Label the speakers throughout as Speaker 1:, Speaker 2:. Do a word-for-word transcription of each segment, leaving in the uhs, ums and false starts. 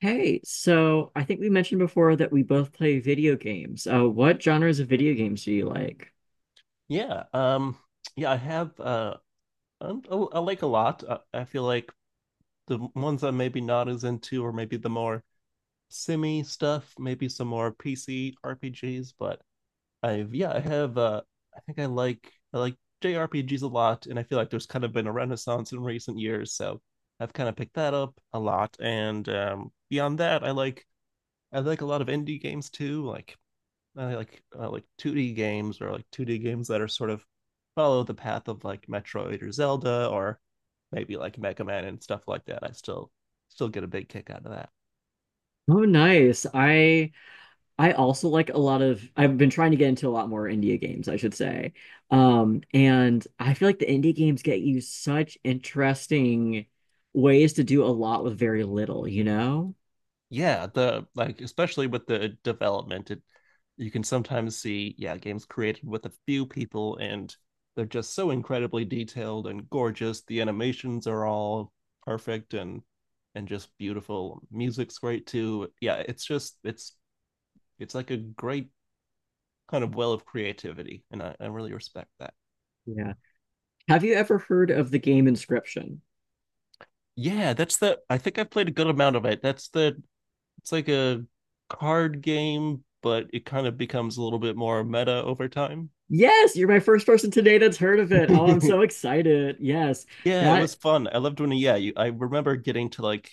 Speaker 1: Hey, so I think we mentioned before that we both play video games. Uh, what genres of video games do you like?
Speaker 2: Yeah. Um, yeah, I have uh i I, like a lot. I, I feel like the ones I'm maybe not as into or maybe the more simi stuff, maybe some more P C R P Gs, but I've yeah, I have uh I think I like I like J R P Gs a lot, and I feel like there's kind of been a renaissance in recent years, so I've kind of picked that up a lot. And um beyond that, I like I like a lot of indie games too, like uh, like uh, like two D games, or like two D games that are sort of follow the path of like Metroid or Zelda or maybe like Mega Man and stuff like that. I still still get a big kick out of that.
Speaker 1: Oh, nice. I I also like a lot of I've been trying to get into a lot more indie games, I should say. Um, and I feel like the indie games get you such interesting ways to do a lot with very little, you know?
Speaker 2: Yeah, the like especially with the development, it you can sometimes see yeah games created with a few people, and they're just so incredibly detailed and gorgeous. The animations are all perfect and and just beautiful. Music's great too. Yeah, it's just it's it's like a great kind of well of creativity, and I, I really respect that.
Speaker 1: Yeah. Have you ever heard of the game Inscription?
Speaker 2: Yeah, that's the. I think I've played a good amount of it. That's the. It's like a card game, but it kind of becomes a little bit more meta over time.
Speaker 1: Yes, you're my first person today that's heard of it. Oh, I'm
Speaker 2: Yeah,
Speaker 1: so excited. Yes.
Speaker 2: it was
Speaker 1: That
Speaker 2: fun. I loved when. Yeah, you, I remember getting to like.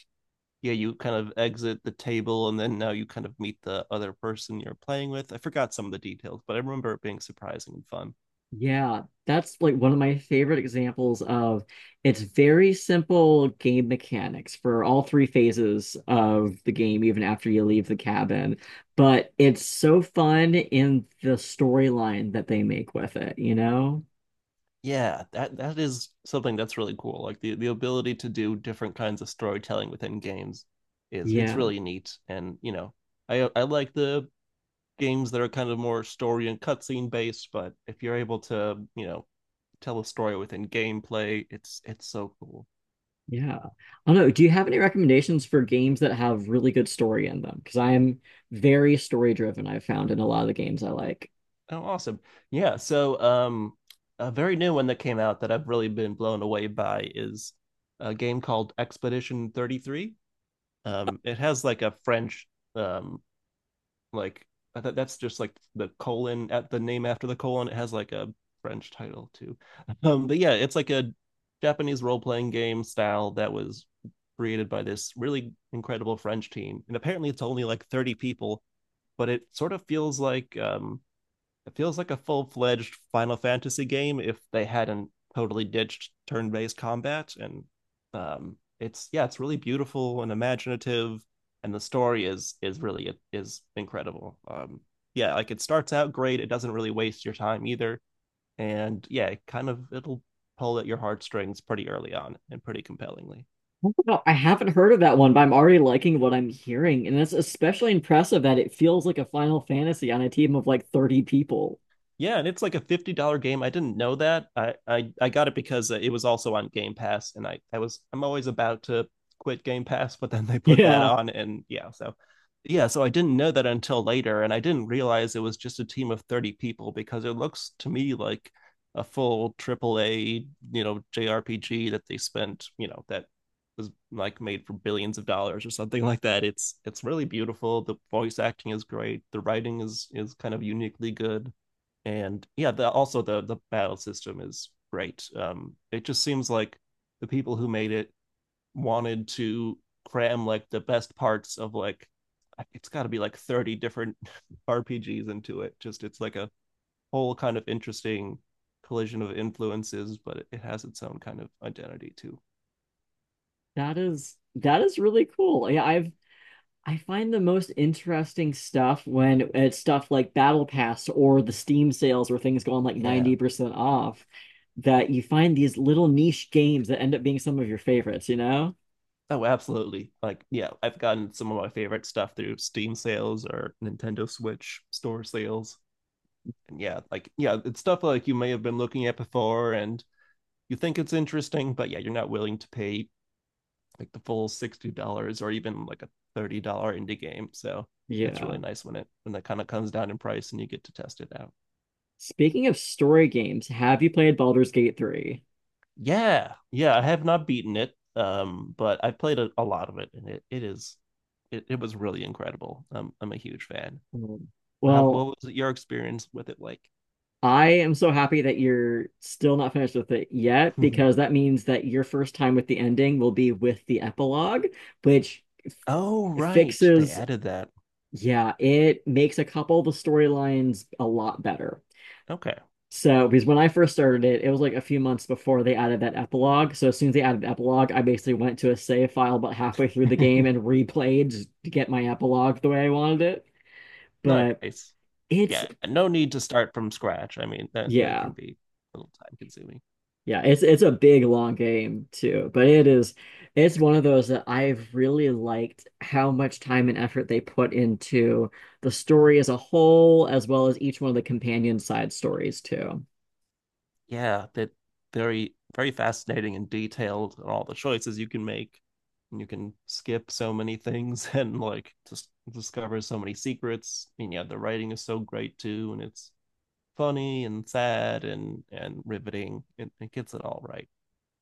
Speaker 2: Yeah, you kind of exit the table, and then now you kind of meet the other person you're playing with. I forgot some of the details, but I remember it being surprising and fun.
Speaker 1: Yeah, that's like one of my favorite examples of it's very simple game mechanics for all three phases of the game, even after you leave the cabin. But it's so fun in the storyline that they make with it, you know?
Speaker 2: Yeah, that that is something that's really cool, like the the ability to do different kinds of storytelling within games is it's
Speaker 1: Yeah,
Speaker 2: really neat. And you know, i i like the games that are kind of more story and cutscene based, but if you're able to, you know, tell a story within gameplay, it's it's so cool.
Speaker 1: yeah. I don't know. Do you have any recommendations for games that have really good story in them? Because I am very story driven, I've found in a lot of the games I like.
Speaker 2: Oh, awesome. Yeah, so um a very new one that came out that I've really been blown away by is a game called Expedition thirty-three. um it has like a French um like I thought that's just like the colon at the name after the colon. It has like a French title too. Um, but yeah, it's like a Japanese role playing game style that was created by this really incredible French team. And apparently it's only like thirty people, but it sort of feels like um, it feels like a full fledged Final Fantasy game if they hadn't totally ditched turn based combat. And um, it's yeah, it's really beautiful and imaginative, and the story is is really is incredible. Um, yeah, like it starts out great. It doesn't really waste your time either, and yeah, it kind of it'll pull at your heartstrings pretty early on and pretty compellingly.
Speaker 1: Oh, wow, I haven't heard of that one, but I'm already liking what I'm hearing. And it's especially impressive that it feels like a Final Fantasy on a team of like thirty people.
Speaker 2: Yeah, and it's like a fifty dollar game. I didn't know that. I, I I got it because uh, it was also on Game Pass, and I I was I'm always about to quit Game Pass, but then they put that
Speaker 1: Yeah,
Speaker 2: on, and yeah, so yeah, so I didn't know that until later, and I didn't realize it was just a team of thirty people because it looks to me like a full triple A, you know, J R P G that they spent you know that was like made for billions of dollars or something like that. It's it's really beautiful. The voice acting is great. The writing is is kind of uniquely good, and yeah the, also the the battle system is great. um it just seems like the people who made it wanted to cram like the best parts of like it's got to be like thirty different rpgs into it. Just it's like a whole kind of interesting collision of influences, but it has its own kind of identity too.
Speaker 1: that is that is really cool. Yeah, I've I find the most interesting stuff when it's stuff like Battle Pass or the Steam sales where things go on like
Speaker 2: Yeah.
Speaker 1: ninety percent off, that you find these little niche games that end up being some of your favorites, you know?
Speaker 2: Oh, absolutely, like yeah, I've gotten some of my favorite stuff through Steam sales or Nintendo Switch store sales. And yeah, like yeah, it's stuff like you may have been looking at before and you think it's interesting, but yeah, you're not willing to pay like the full sixty dollars or even like a thirty dollar indie game. So it's really
Speaker 1: Yeah.
Speaker 2: nice when it when that kind of comes down in price and you get to test it out.
Speaker 1: Speaking of story games, have you played Baldur's Gate three?
Speaker 2: Yeah, yeah, I have not beaten it, um, but I played a, a lot of it, and it it is it, it was really incredible. Um, I'm a huge fan.
Speaker 1: Mm.
Speaker 2: How
Speaker 1: Well,
Speaker 2: what was your experience with it like?
Speaker 1: I am so happy that you're still not finished with it yet, because that means that your first time with the ending will be with the epilogue, which f
Speaker 2: Oh right, they
Speaker 1: fixes,
Speaker 2: added that.
Speaker 1: yeah, it makes a couple of the storylines a lot better.
Speaker 2: Okay.
Speaker 1: So, because when I first started it, it was like a few months before they added that epilogue. So, as soon as they added the epilogue, I basically went to a save file about halfway through the game and replayed just to get my epilogue the way I wanted it. But
Speaker 2: Nice.
Speaker 1: it's,
Speaker 2: Yeah, no need to start from scratch. I mean, that that
Speaker 1: yeah.
Speaker 2: can be a little time consuming.
Speaker 1: Yeah, it's it's a big long game too, but it is it's one of those that I've really liked how much time and effort they put into the story as a whole, as well as each one of the companion side stories too.
Speaker 2: Yeah, that very very fascinating and detailed and all the choices you can make. And you can skip so many things and like just discover so many secrets. And yeah, the writing is so great too, and it's funny and sad and and riveting. It, it gets it all right.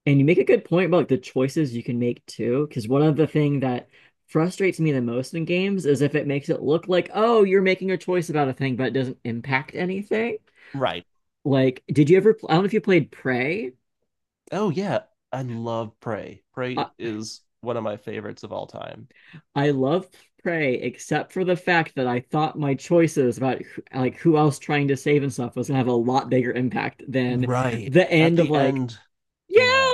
Speaker 1: And you make a good point about, like, the choices you can make too, because one of the thing that frustrates me the most in games is if it makes it look like, oh, you're making a choice about a thing, but it doesn't impact anything.
Speaker 2: Right.
Speaker 1: Like, did you ever, I don't know if you played Prey.
Speaker 2: Oh yeah, I love Prey.
Speaker 1: uh,
Speaker 2: Prey is one of my favorites of all time.
Speaker 1: I love Prey, except for the fact that I thought my choices about like who else trying to save and stuff was gonna have a lot bigger impact than
Speaker 2: Right.
Speaker 1: the
Speaker 2: At
Speaker 1: end of
Speaker 2: the
Speaker 1: like,
Speaker 2: end,
Speaker 1: yeah,
Speaker 2: yeah.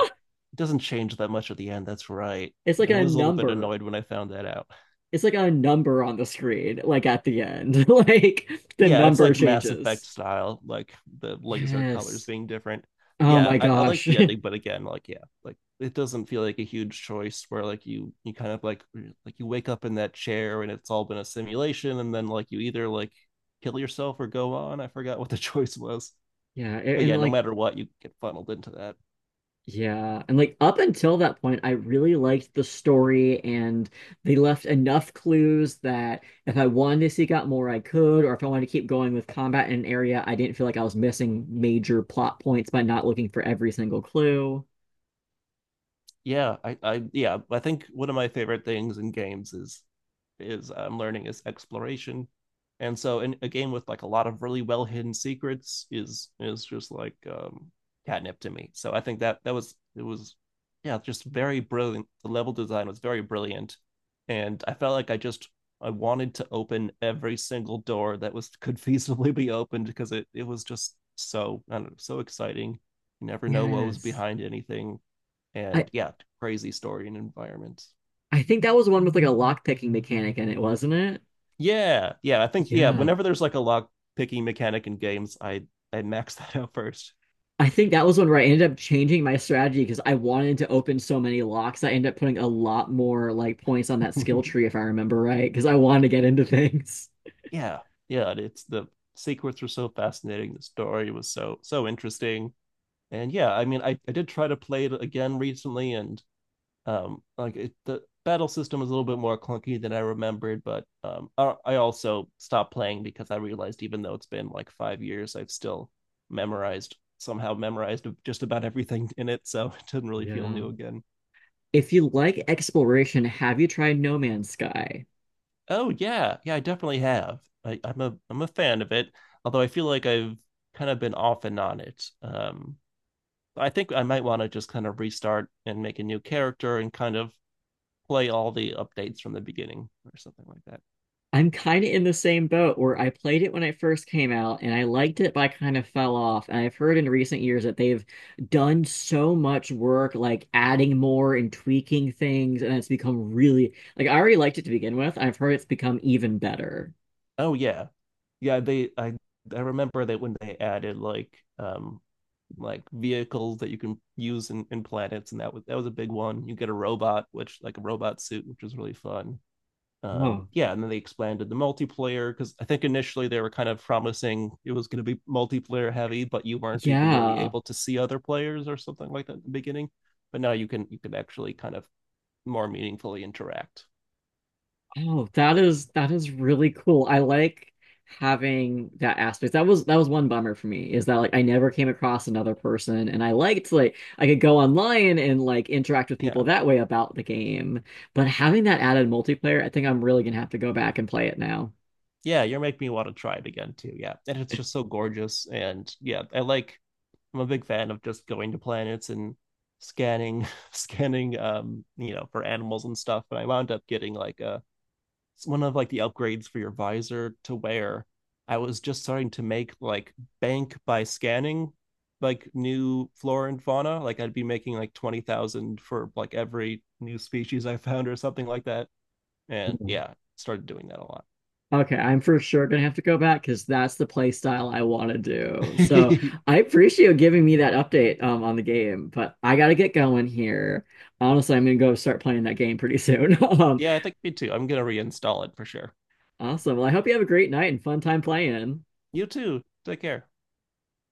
Speaker 2: It doesn't change that much at the end. That's right.
Speaker 1: it's like
Speaker 2: I
Speaker 1: a
Speaker 2: was a little bit
Speaker 1: number.
Speaker 2: annoyed when I found that out.
Speaker 1: It's like a number on the screen, like at the end. Like the
Speaker 2: Yeah, it's
Speaker 1: number
Speaker 2: like Mass Effect
Speaker 1: changes.
Speaker 2: style, like the laser colors
Speaker 1: Yes.
Speaker 2: being different.
Speaker 1: Oh
Speaker 2: Yeah,
Speaker 1: my
Speaker 2: I, I like
Speaker 1: gosh.
Speaker 2: the ending, but again, like yeah, like it doesn't feel like a huge choice where like you you kind of like like you wake up in that chair and it's all been a simulation, and then like you either like kill yourself or go on. I forgot what the choice was,
Speaker 1: Yeah, a-
Speaker 2: but yeah,
Speaker 1: and
Speaker 2: no
Speaker 1: like
Speaker 2: matter what, you get funneled into that.
Speaker 1: Yeah, and like up until that point, I really liked the story, and they left enough clues that if I wanted to seek out more, I could, or if I wanted to keep going with combat in an area, I didn't feel like I was missing major plot points by not looking for every single clue.
Speaker 2: Yeah, I, I yeah, I think one of my favorite things in games is is I'm learning is exploration. And so in a game with like a lot of really well hidden secrets is is just like um catnip to me. So I think that that was it was yeah, just very brilliant. The level design was very brilliant. And I felt like I just I wanted to open every single door that was could feasibly be opened, because it it was just so I don't know, so exciting. You never know what was
Speaker 1: Yes.
Speaker 2: behind anything,
Speaker 1: I
Speaker 2: and yeah, crazy story and environments.
Speaker 1: I think that was the one with like a lock picking mechanic in it, wasn't it?
Speaker 2: Yeah, yeah, I think yeah.
Speaker 1: Yeah.
Speaker 2: Whenever there's like a lock picking mechanic in games, I I max that out first.
Speaker 1: I think that was one where I ended up changing my strategy because I wanted to open so many locks. I ended up putting a lot more like points on that skill tree if I remember right, because I wanted to get into things.
Speaker 2: Yeah, yeah. It's the secrets were so fascinating. The story was so so interesting, and yeah, I mean, I I did try to play it again recently, and um like it, the battle system was a little bit more clunky than I remembered. But um I, I also stopped playing because I realized, even though it's been like five years, I've still memorized somehow memorized just about everything in it, so it didn't really feel
Speaker 1: Yeah.
Speaker 2: new again.
Speaker 1: If you like exploration, have you tried No Man's Sky?
Speaker 2: Oh yeah, yeah, I definitely have. I, i'm a i'm a fan of it, although I feel like I've kind of been off and on it. um I think I might want to just kind of restart and make a new character and kind of play all the updates from the beginning or something like that.
Speaker 1: I'm kind of in the same boat where I played it when it first came out and I liked it, but I kind of fell off. And I've heard in recent years that they've done so much work, like adding more and tweaking things, and it's become really like I already liked it to begin with. I've heard it's become even better.
Speaker 2: Oh yeah, yeah, they I I remember that when they added like um like vehicles that you can use in, in planets, and that was that was a big one. You get a robot, which like a robot suit, which was really fun. Um
Speaker 1: Oh,
Speaker 2: yeah, and then they expanded the multiplayer, because I think initially they were kind of promising it was gonna be multiplayer heavy, but you weren't even really
Speaker 1: yeah.
Speaker 2: able to see other players or something like that in the beginning. But now you can you can actually kind of more meaningfully interact.
Speaker 1: Oh, that is that is really cool. I like having that aspect. That was that was one bummer for me is that like I never came across another person and I liked like I could go online and like interact with people
Speaker 2: Yeah,
Speaker 1: that way about the game. But having that added multiplayer, I think I'm really gonna have to go back and play it now.
Speaker 2: yeah, you're making me want to try it again too. Yeah, and it's just so gorgeous. And yeah, I like I'm a big fan of just going to planets and scanning scanning um you know, for animals and stuff. And I wound up getting like a one of like the upgrades for your visor to wear. I was just starting to make like bank by scanning like new flora and fauna. Like I'd be making like twenty thousand for like every new species I found or something like that, and yeah, started doing that a lot.
Speaker 1: Okay, I'm for sure gonna have to go back because that's the play style I want to do. So I appreciate you giving me that update um, on the game, but I gotta get going here. Honestly, I'm gonna go start playing that game pretty soon. Um,
Speaker 2: Yeah, I think me too, I'm gonna reinstall it for sure.
Speaker 1: awesome. Well, I hope you have a great night and fun time playing.
Speaker 2: You too, take care.